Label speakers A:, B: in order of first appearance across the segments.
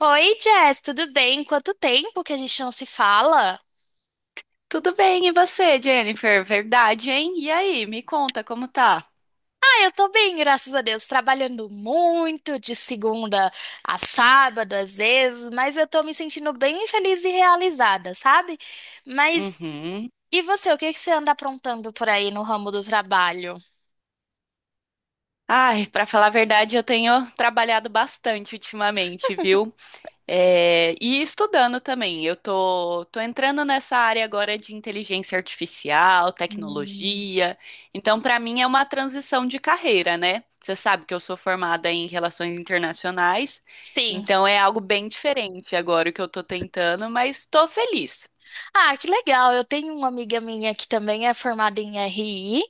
A: Oi, Jess, tudo bem? Quanto tempo que a gente não se fala?
B: Tudo bem, e você, Jennifer? Verdade, hein? E aí, me conta como tá?
A: Ah, eu tô bem, graças a Deus. Trabalhando muito, de segunda a sábado, às vezes, mas eu tô me sentindo bem feliz e realizada, sabe? Mas
B: Uhum.
A: e você, o que que você anda aprontando por aí no ramo do trabalho?
B: Ai, pra falar a verdade, eu tenho trabalhado bastante ultimamente, viu? É, e estudando também. Eu tô entrando nessa área agora de inteligência artificial,
A: Hum.
B: tecnologia. Então, pra mim é uma transição de carreira, né? Você sabe que eu sou formada em relações internacionais,
A: Sim.
B: então é algo bem diferente agora o que eu tô tentando, mas tô feliz.
A: Ah, que legal. Eu tenho uma amiga minha que também é formada em RI,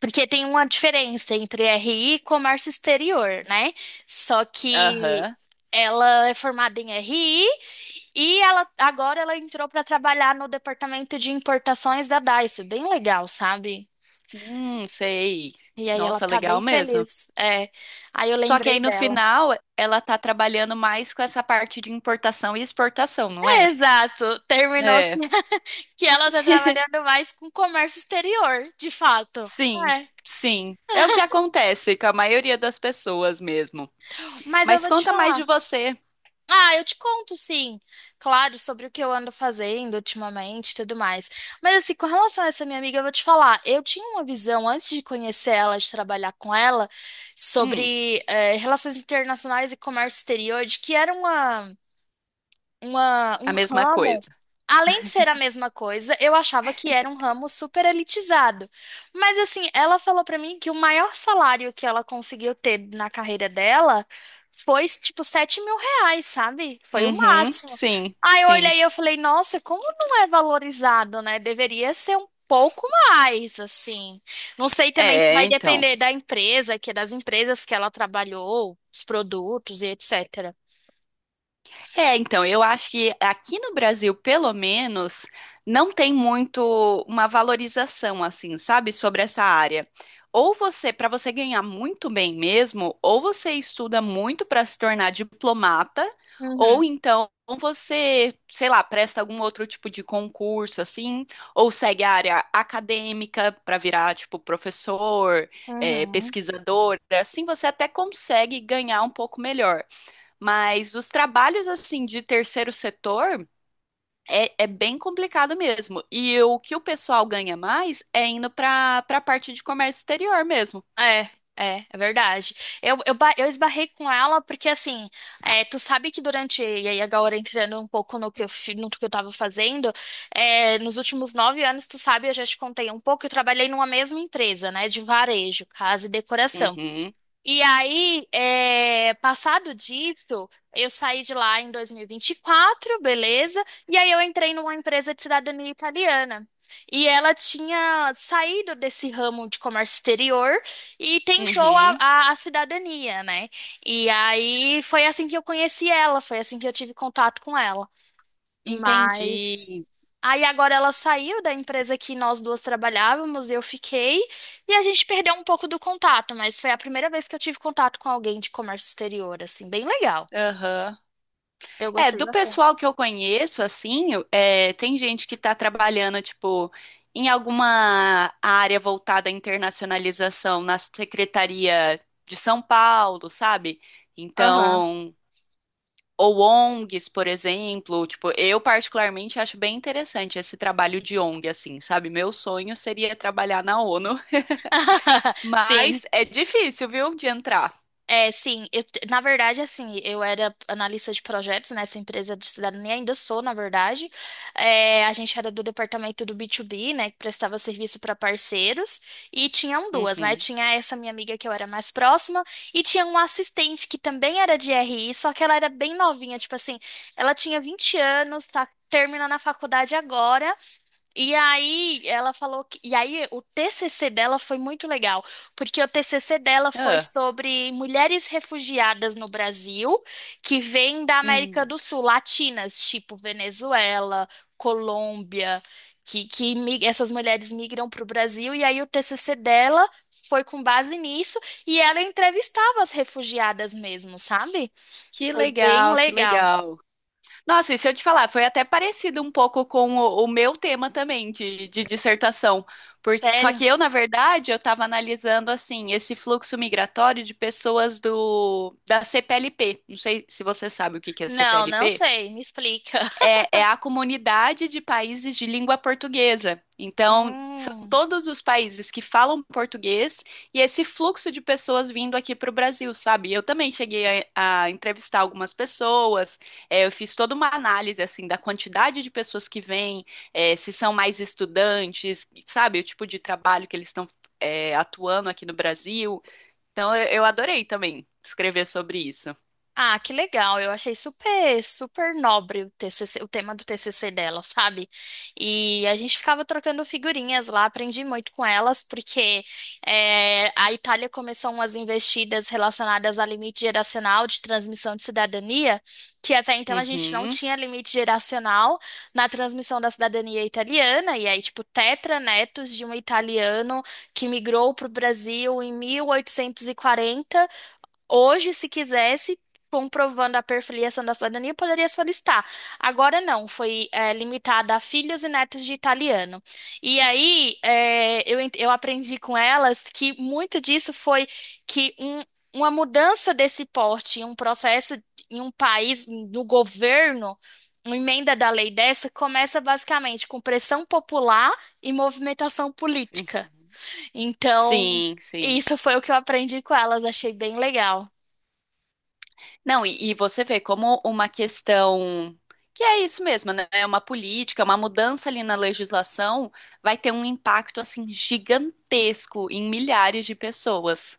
A: porque tem uma diferença entre RI e comércio exterior, né? Só que
B: Aham.
A: ela é formada em RI e ela agora ela entrou para trabalhar no departamento de importações da Daiso. Bem legal, sabe?
B: Sei.
A: E aí ela
B: Nossa,
A: tá
B: legal
A: bem
B: mesmo.
A: feliz. É. Aí eu
B: Só que aí
A: lembrei
B: no
A: dela.
B: final ela tá trabalhando mais com essa parte de importação e exportação, não
A: É,
B: é?
A: exato. Terminou que,
B: É,
A: que ela tá trabalhando mais com comércio exterior, de fato.
B: sim,
A: É.
B: sim. É o que acontece com a maioria das pessoas mesmo.
A: Mas eu
B: Mas
A: vou te
B: conta mais de
A: falar.
B: você.
A: Ah, eu te conto, sim. Claro, sobre o que eu ando fazendo ultimamente e tudo mais. Mas, assim, com relação a essa minha amiga, eu vou te falar. Eu tinha uma visão, antes de conhecer ela, de trabalhar com ela,
B: Hum,
A: sobre relações internacionais e comércio exterior, de que era um
B: a mesma
A: ramo,
B: coisa.
A: além de ser a mesma coisa, eu achava que era um ramo super elitizado. Mas assim, ela falou pra mim que o maior salário que ela conseguiu ter na carreira dela foi tipo R$ 7.000, sabe? Foi o
B: Uhum,
A: máximo.
B: sim,
A: Aí eu
B: sim.
A: olhei e eu falei, nossa, como não é valorizado, né? Deveria ser um pouco mais, assim. Não sei também se vai
B: É, então.
A: depender da empresa, que é das empresas que ela trabalhou, os produtos e etc.
B: É, então, eu acho que aqui no Brasil, pelo menos, não tem muito uma valorização assim, sabe, sobre essa área. Ou você, para você ganhar muito bem mesmo, ou você estuda muito para se tornar diplomata, ou
A: Uhum,
B: então você, sei lá, presta algum outro tipo de concurso assim, ou segue a área acadêmica para virar tipo professor,
A: uhum.
B: pesquisador, assim você até consegue ganhar um pouco melhor. Mas os trabalhos assim de terceiro setor é bem complicado mesmo. E o que o pessoal ganha mais é indo para a parte de comércio exterior mesmo.
A: É, é, é verdade. Eu esbarrei com ela porque, assim, é, tu sabe que durante, e aí agora entrando um pouco no que no que eu tava fazendo, é, nos últimos 9 anos, tu sabe, eu já te contei um pouco, eu trabalhei numa mesma empresa, né, de varejo, casa e decoração.
B: Uhum,
A: E aí, é, passado disso, eu saí de lá em 2024, beleza? E aí eu entrei numa empresa de cidadania italiana. E ela tinha saído desse ramo de comércio exterior e tentou a,
B: uhum,
A: a- a cidadania, né? E aí foi assim que eu conheci ela, foi assim que eu tive contato com ela. Mas
B: entendi.
A: aí agora ela saiu da empresa que nós duas trabalhávamos, eu fiquei, e a gente perdeu um pouco do contato, mas foi a primeira vez que eu tive contato com alguém de comércio exterior, assim, bem legal.
B: Aham.
A: Eu
B: É,
A: gostei
B: do
A: bastante.
B: pessoal que eu conheço, assim, é, tem gente que tá trabalhando, tipo, em alguma área voltada à internacionalização na Secretaria de São Paulo, sabe?
A: Aham.
B: Então, ou ONGs, por exemplo, tipo, eu particularmente acho bem interessante esse trabalho de ONG, assim, sabe? Meu sonho seria trabalhar na ONU,
A: Sim.
B: mas é difícil, viu, de entrar.
A: É, sim, na verdade, assim, eu era analista de projetos nessa empresa de cidadania, ainda sou, na verdade. É, a gente era do departamento do B2B, né, que prestava serviço para parceiros, e tinham duas, né?
B: Uhum.
A: Tinha essa minha amiga que eu era mais próxima, e tinha uma assistente que também era de RI, só que ela era bem novinha, tipo assim, ela tinha 20 anos, tá terminando a faculdade agora, e aí ela falou que, e aí o TCC dela foi muito legal, porque o TCC dela foi
B: Ah,
A: sobre mulheres refugiadas no Brasil que vêm da América
B: hum.
A: do Sul, latinas, tipo Venezuela, Colômbia, essas mulheres migram para o Brasil, e aí o TCC dela foi com base nisso, e ela entrevistava as refugiadas mesmo, sabe?
B: Que
A: Foi bem
B: legal, que
A: legal.
B: legal. Nossa, e se eu te falar, foi até parecido um pouco com o meu tema também de dissertação. Por, só
A: Sério?
B: que eu, na verdade, eu estava analisando assim esse fluxo migratório de pessoas do da CPLP. Não sei se você sabe o que que é
A: Não, não
B: CPLP.
A: sei, me explica.
B: É, é a comunidade de países de língua portuguesa. Então, são
A: Hum.
B: todos os países que falam português e esse fluxo de pessoas vindo aqui para o Brasil, sabe? Eu também cheguei a entrevistar algumas pessoas, é, eu fiz toda uma análise, assim, da quantidade de pessoas que vêm, é, se são mais estudantes, sabe? O tipo de trabalho que eles estão, é, atuando aqui no Brasil. Então, eu adorei também escrever sobre isso.
A: Ah, que legal. Eu achei super, super nobre o TCC, o tema do TCC dela, sabe? E a gente ficava trocando figurinhas lá, aprendi muito com elas, porque a Itália começou umas investidas relacionadas a limite geracional de transmissão de cidadania, que até então a gente não
B: Uhum,
A: tinha limite geracional na transmissão da cidadania italiana, e aí, tipo, tetranetos de um italiano que migrou para o Brasil em 1840. Hoje, se quisesse, comprovando a perfiliação da cidadania, poderia solicitar. Agora não, foi limitada a filhos e netos de italiano. E aí, é, eu aprendi com elas que muito disso foi que uma mudança desse porte, um processo em um país, no governo, uma emenda da lei dessa, começa basicamente com pressão popular e movimentação política.
B: uhum.
A: Então,
B: Sim, sim.
A: isso foi o que eu aprendi com elas, achei bem legal.
B: Não, e você vê como uma questão que é isso mesmo, né? É uma política, uma mudança ali na legislação vai ter um impacto assim gigantesco em milhares de pessoas.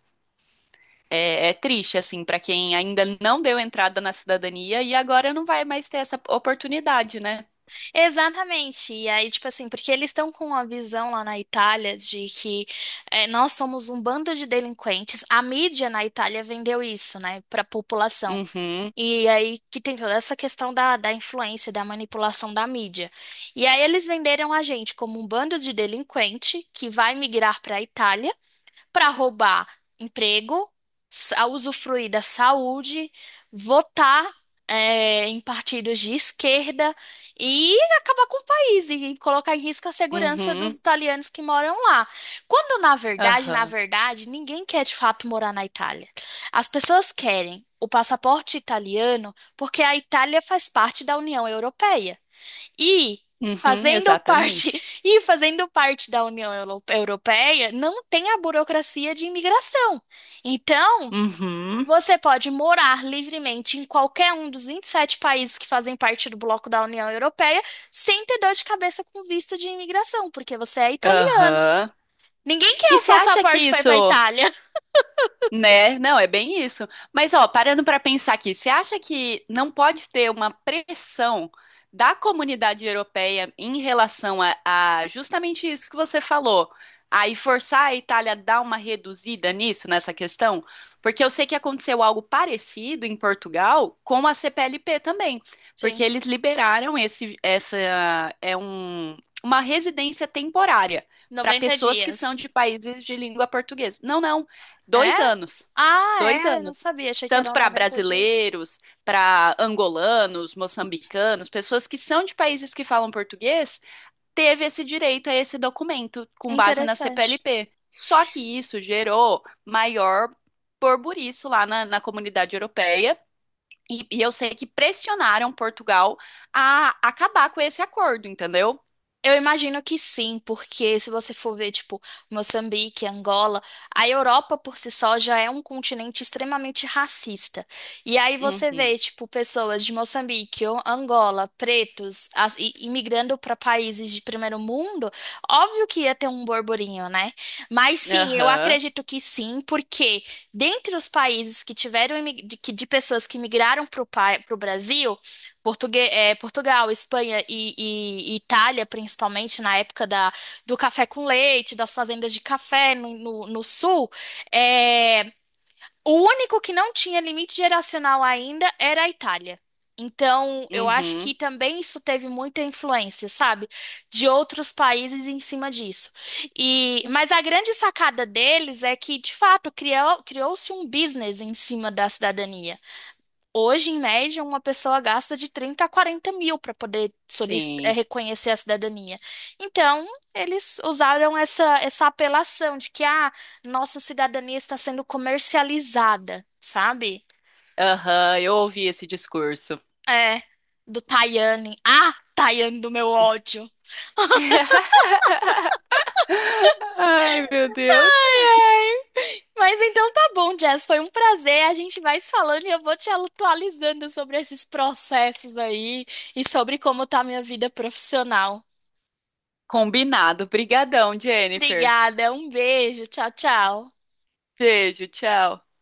B: É, é triste assim para quem ainda não deu entrada na cidadania e agora não vai mais ter essa oportunidade, né?
A: Exatamente. E aí, tipo assim, porque eles estão com uma visão lá na Itália de que nós somos um bando de delinquentes. A mídia na Itália vendeu isso, né, para a população.
B: Uhum,
A: E aí que tem toda essa questão da influência, da manipulação da mídia. E aí eles venderam a gente como um bando de delinquente que vai migrar para a Itália para roubar emprego, usufruir da saúde, votar em partidos de esquerda e acabar com o país e colocar em risco a segurança dos
B: uhum,
A: italianos que moram lá. Quando, na
B: aham,
A: verdade, ninguém quer de fato morar na Itália. As pessoas querem o passaporte italiano porque a Itália faz parte da União Europeia. E
B: uhum,
A: fazendo parte,
B: exatamente.
A: e fazendo parte da União Euro- Europeia, não tem a burocracia de imigração. Então,
B: Uhum,
A: você pode morar livremente em qualquer um dos 27 países que fazem parte do bloco da União Europeia, sem ter dor de cabeça com visto de imigração, porque você é italiano.
B: aham.
A: Ninguém quer
B: E
A: o
B: você acha que
A: passaporte para ir
B: isso
A: para Itália.
B: né? Não, é bem isso. Mas, ó, parando para pensar aqui, você acha que não pode ter uma pressão da comunidade europeia em relação a justamente isso que você falou, aí forçar a Itália a dar uma reduzida nisso, nessa questão? Porque eu sei que aconteceu algo parecido em Portugal com a CPLP também, porque
A: Sim,
B: eles liberaram esse, essa, é um, uma residência temporária para
A: 90
B: pessoas que são
A: dias.
B: de países de língua portuguesa. Não, não.
A: É?
B: Dois anos.
A: Ah,
B: Dois
A: é, eu não
B: anos.
A: sabia, achei que
B: Tanto
A: eram
B: para
A: 90 dias.
B: brasileiros, para angolanos, moçambicanos, pessoas que são de países que falam português, teve esse direito a esse documento com base na
A: Interessante.
B: CPLP. Só que isso gerou maior burbuliço lá na comunidade europeia. E eu sei que pressionaram Portugal a acabar com esse acordo, entendeu?
A: Eu imagino que sim, porque se você for ver, tipo, Moçambique, Angola, a Europa por si só já é um continente extremamente racista. E aí você
B: Uhum.
A: vê, tipo, pessoas de Moçambique ou Angola, pretos, imigrando para países de primeiro mundo, óbvio que ia ter um borburinho, né? Mas sim, eu
B: Aham.
A: acredito que sim, porque dentre os países que tiveram de pessoas que migraram para o Brasil, Portugal, Espanha e Itália, principalmente na época do café com leite, das fazendas de café no sul, é, o único que não tinha limite geracional ainda era a Itália. Então, eu acho
B: Uhum.
A: que também isso teve muita influência, sabe, de outros países em cima disso. E, mas a grande sacada deles é que, de fato, criou-se um business em cima da cidadania. Hoje, em média, uma pessoa gasta de 30 a 40 mil para poder
B: Sim.
A: reconhecer a cidadania. Então, eles usaram essa apelação de que a nossa cidadania está sendo comercializada, sabe?
B: Aham. Eu ouvi esse discurso.
A: É, do Tayane. Ah, Tayane do meu ódio.
B: Ai, meu Deus.
A: Ai, ai. Mas então tá bom, Jess. Foi um prazer. A gente vai se falando e eu vou te atualizando sobre esses processos aí e sobre como tá a minha vida profissional.
B: Combinado. Brigadão, Jennifer.
A: Obrigada, um beijo, tchau, tchau.
B: Beijo, tchau.